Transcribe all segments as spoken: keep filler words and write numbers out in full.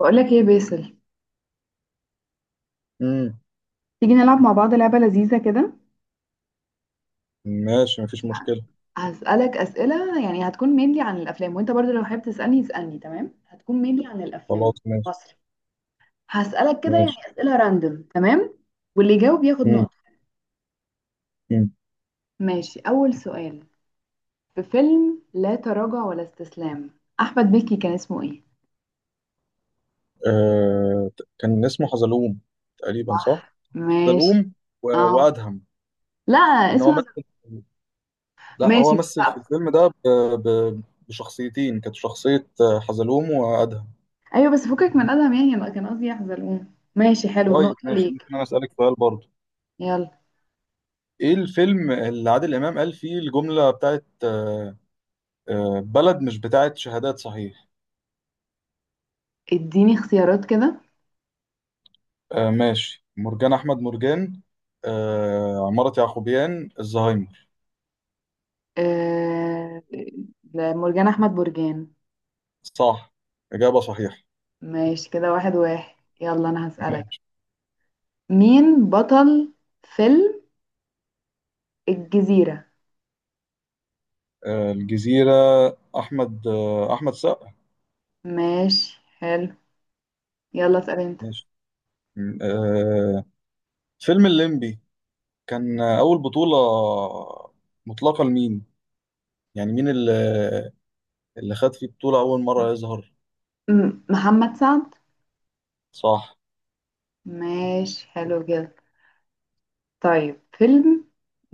بقولك ايه يا باسل؟ امم تيجي نلعب مع بعض لعبة لذيذة كده. ماشي، مفيش مشكلة. هسألك أسئلة، يعني هتكون مينلي عن الأفلام، وانت برضو لو حابب تسألني اسألني. تمام، هتكون مينلي عن خلاص الأفلام. ماشي. مصري. هسألك كده يعني ماشي. أسئلة راندوم. تمام. واللي يجاوب ياخد امم. نقطة. امم. ماشي، أول سؤال. في فيلم لا تراجع ولا استسلام، أحمد مكي كان اسمه ايه؟ آه ت- كان اسمه حزلوم. تقريبا صح؟ صح، ماشي. حزلوم و- اه وأدهم. لا، إن هو اسمه مثل. حزلقوم. لا، هو ماشي، مثل في لا. الفيلم ده ب... ب... بشخصيتين. كانت شخصية آه، حزلوم وأدهم. أيوه بس فكك من أدهم، يعني أنا كان قصدي يا حزلقوم. ماشي، حلو، طيب نقطة ماشي، ليك. ممكن أنا أسألك سؤال برضه؟ يلا، إيه الفيلم اللي عادل إمام قال فيه الجملة بتاعت آه آه بلد مش بتاعت شهادات صحيح؟ اديني اختيارات كده. آه ماشي، مرجان أحمد مرجان. آه عمارة يعقوبيان الزهايمر. آه... مرجان احمد برجان. صح. إجابة صحيحة. ماشي كده، واحد واحد. يلا انا هسألك. ماشي. مين بطل فيلم الجزيرة؟ آه، الجزيرة. أحمد آه، أحمد سقا. ماشي، حلو. يلا اسأل انت. ماشي. م- آه، فيلم الليمبي كان آه، أول بطولة مطلقة لمين؟ يعني مين اللي اللي خد فيه بطولة أول مرة يظهر؟ م- محمد سعد. صح. ماشي، حلو كده. طيب، فيلم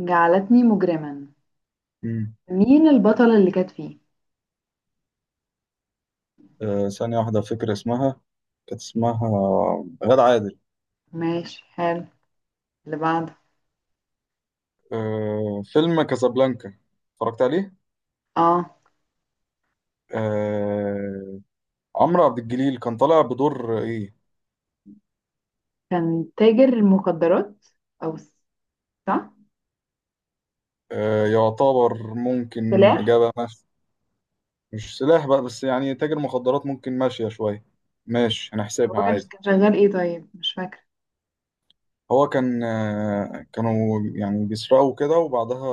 جعلتني مجرما، مم. مين البطلة اللي كانت فيه؟ آه، ثانية واحدة، فكرة اسمها. كانت اسمها غادة عادل. ماشي، حلو، اللي بعده. آه، فيلم كازابلانكا، اتفرجت عليه؟ اه، آه، عمرو عبد الجليل كان طالع بدور إيه؟ كان تاجر المخدرات. او س- صح، آه، يعتبر ممكن سلاح. إجابة مف... مش سلاح بقى، بس يعني تاجر مخدرات ممكن ماشية شوية. ماشي، هنحسبها هو كان عادي. كان شغال ايه طيب؟ مش فاكرة. هو كان آه، كانوا يعني بيسرقوا كده وبعدها،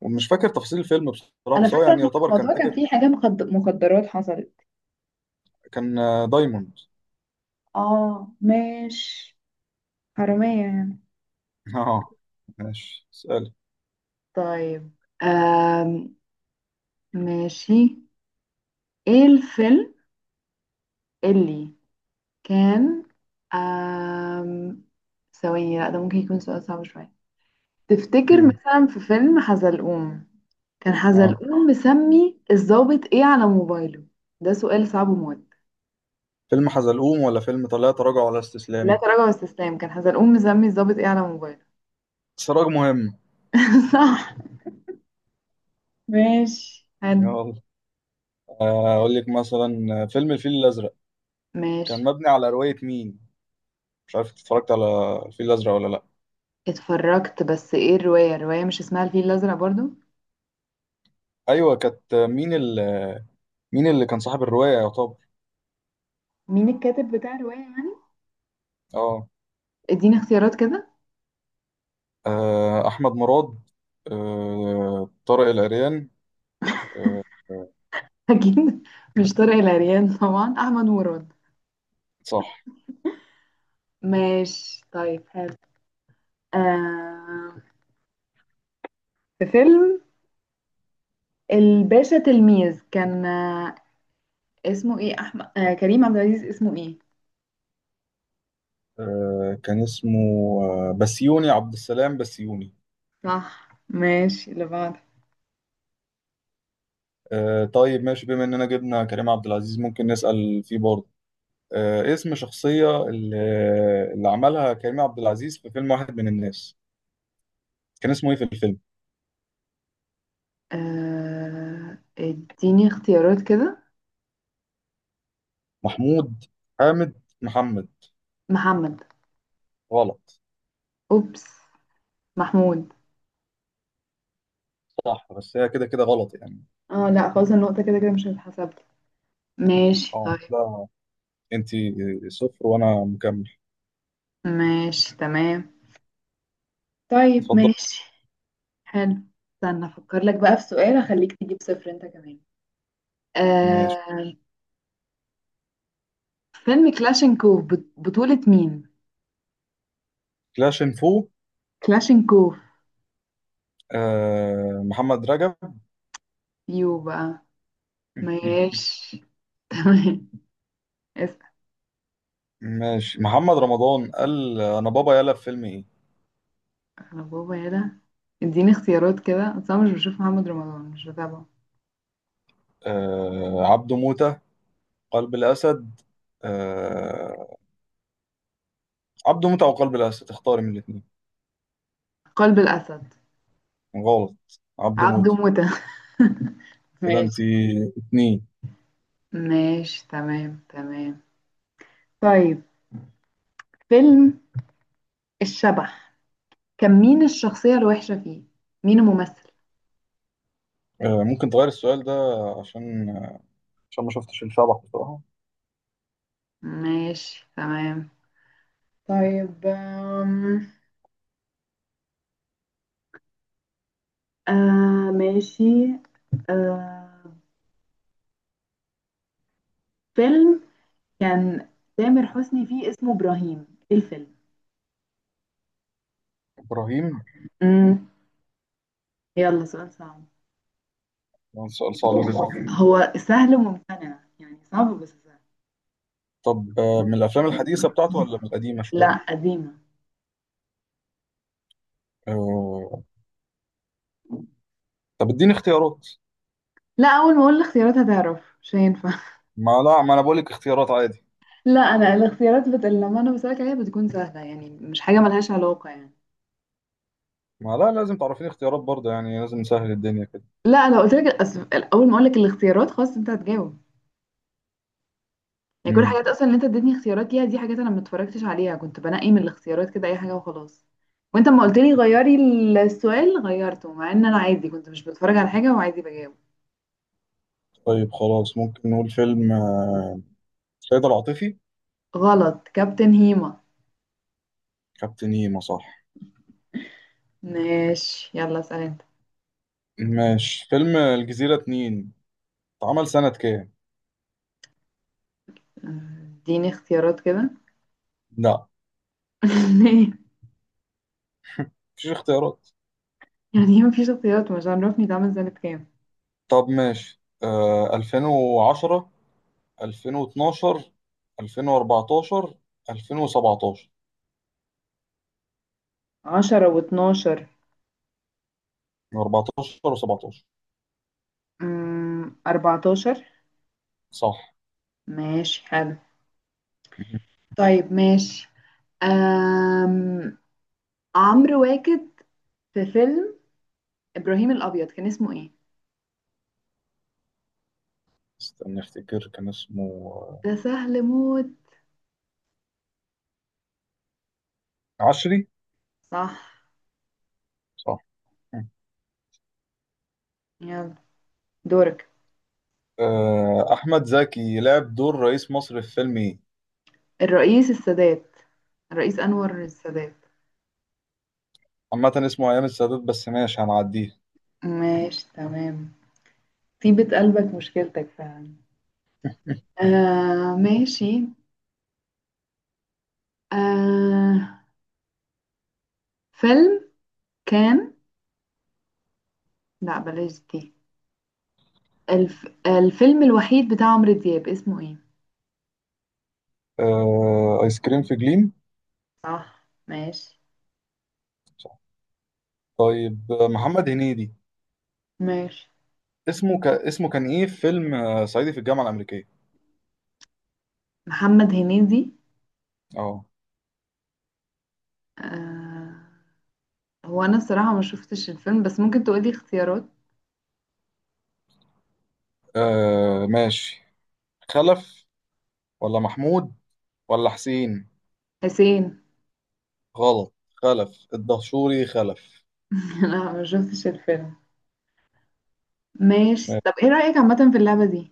ومش فاكر تفاصيل الفيلم بصراحة، انا بس هو فاكره يعني ان كان يعتبر كان الموضوع، كان تاجر. فيه حاجه مخد... مخدرات حصلت. كان آه، دايموند. اه ماشي، حراميه يعني. اه. ماشي، اسأل. طيب، آم. ماشي، ايه الفيلم اللي كان؟ آم. ثواني، لا ده ممكن يكون سؤال صعب شوية. تفتكر مم. مثلا في فيلم حزلقوم، كان اه، حزلقوم مسمي الضابط ايه على موبايله؟ ده سؤال صعب موت. فيلم حزلقوم ولا فيلم لا تراجع ولا لا استسلام؟ تراجع واستسلام، كان حزلقوم مسمي الضابط ايه على موبايله؟ سراج مهم. صح، ماشي حلو. يلا. آه، أقول لك مثلا آه، فيلم الفيل الأزرق كان ماشي. مبني على رواية مين؟ مش عارف اتفرجت على الفيل الازرق ولا لا. اتفرجت، بس ايه الرواية؟ الرواية مش اسمها الفيل الأزرق برضو. ايوه، كانت مين ال... مين اللي كان صاحب الروايه يا طب؟ مين الكاتب بتاع الرواية يعني؟ اه. اديني اختيارات كده آه، احمد مراد. آه، طارق العريان. آه، اكيد مش طارق العريان طبعا، احمد مراد. صح. ماشي طيب، حلو. آه، في فيلم الباشا تلميذ، كان آه اسمه ايه احمد، آه كريم عبد العزيز اسمه ايه؟ آه، كان اسمه آه، بسيوني عبد السلام بسيوني. صح ماشي، اللي بعده. آه، طيب ماشي، بما اننا جبنا كريم عبد العزيز ممكن نسأل فيه برضه. آه، اسم شخصية اللي, اللي عملها كريم عبد العزيز في فيلم واحد من الناس، كان اسمه ايه في الفيلم؟ آه اديني اختيارات كده. محمود. حامد محمد. محمد. غلط. اوبس، محمود. صح، بس هي كده كده غلط يعني. اه لا، خلاص النقطة كده كده مش هتتحسب. ماشي اه، طيب، لا، انت صفر وانا مكمل. ماشي تمام. طيب اتفضل. ماشي، حلو. استنى افكر لك بقى في سؤال اخليك تجيب صفر انت كمان. ماشي. آه فيلم كلاشينكوف، بط- بطولة مين؟ كلاش انفو. كلاشينكوف. آه محمد رجب. يو بقى. ماشي تمام. اسأل. ماشي. محمد رمضان قال انا بابا يلا في فيلم ايه؟ انا بابا يا ده. اديني اختيارات كده، اصل انا مش بشوف محمد رمضان، مش بتابعه. آه عبده موتة. قلب الاسد. آه عبده موتة او قلب الاسد، اختاري من الاثنين. قلب الاسد. غلط. عبده عبده موتة. موتة. كده انت ماشي. اتنين. ماشي تمام، تمام. طيب، فيلم الشبح، كان مين الشخصية الوحشة فيه؟ مين الممثل؟ آه ممكن تغير السؤال ده، عشان عشان ما شفتش الشبح بصراحة. ماشي تمام. طيب، آم، آه ماشي. آه فيلم كان تامر حسني فيه اسمه إبراهيم، إيه الفيلم؟ ابراهيم. مم. يلا، سؤال صعب. ده سؤال صعب جدا. هو سهل وممتنع، يعني صعب بس سهل. طب آه، من الافلام الحديثه بتاعته ولا من القديمه لا، شويه؟ قديمة. آه، طب اديني اختيارات. لا، أول ما أقول الاختيارات هتعرف، مش هينفع ما لا، ما انا بقول لك اختيارات عادي. لا، أنا الاختيارات بت... لما أنا بسألك عليها بتكون سهلة، يعني مش حاجة ملهاش علاقة يعني. ما لا، لازم تعرفيني اختيارات برضه، يعني لازم نسهل الدنيا كده. لا انا قلت لك الأس- اول ما اقول لك الاختيارات خلاص انت هتجاوب. يعني كل امم. الحاجات اصلا اللي انت اديتني اختيارات ليها دي حاجات انا ما اتفرجتش عليها، كنت بنقي من الاختيارات كده اي حاجه وخلاص. وانت ما قلت لي غيري. السؤال غيرته، مع ان انا عادي كنت مش بتفرج على حاجه وعادي بجاوب. طيب خلاص، ممكن نقول فيلم آه، سيد العاطفي. غلط، كابتن هيما. كابتن هيما صح. ماشي، يلا اسال انت. ماشي. فيلم الجزيره اتنين اتعمل سنه كام؟ آه، اديني اختيارات كده لا، ليه؟ مفيش اختيارات. يعني ما فيش اختيارات؟ مش عارفني ده عامل سنه كام. طب ماشي، آه ألفين وعشرة، ألفين واتناشر، ألفين وأربعتاشر، ألفين وسبعة عشر. عشرة و12. أربعة عشر و17. اربعتاشر. صح. ماشي حلو. مهم. طيب ماشي، أم... عمرو واكد في فيلم إبراهيم الأبيض كان اسمه إيه؟ استنى افتكر كان اسمه. ده سهل موت. عشري. صح. صح. مم. يلا دورك. آه، احمد زكي لعب دور رئيس مصر في فيلم ايه؟ الرئيس السادات، الرئيس أنور السادات. عامة اسمه ايام السادات، بس ماشي هنعديه. ماشي تمام. طيبة قلبك مشكلتك فعلا. آه ماشي. آه فيلم كان، لا بلاش دي. الف... الفيلم الوحيد بتاع عمرو دياب اسمه ايه؟ آه، ايس كريم في جليم. صح ماشي. صح. طيب آه، محمد هنيدي ماشي. اسمه ك... اسمه كان ايه في فيلم آه، صعيدي في الجامعة الأمريكية؟ محمد هنيدي. اه. آه هو انا الصراحة ما شفتش الفيلم، بس ممكن تقولي اختيارات. آه، ماشي. خلف. ولا محمود. ولا حسين. حسين. غلط. خلف الدهشوري خلف. انا ما شفتش الفيلم. ماشي، طب ماشي. ايه رأيك عامة في اللعبة دي؟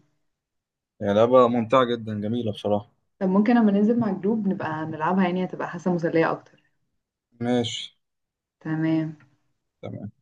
يعني لعبة ممتعة جدا، جميلة بصراحة. طب ممكن لما ننزل مع الجروب نبقى نلعبها، يعني هتبقى حاسة مسلية اكتر. ماشي تمام. تمام.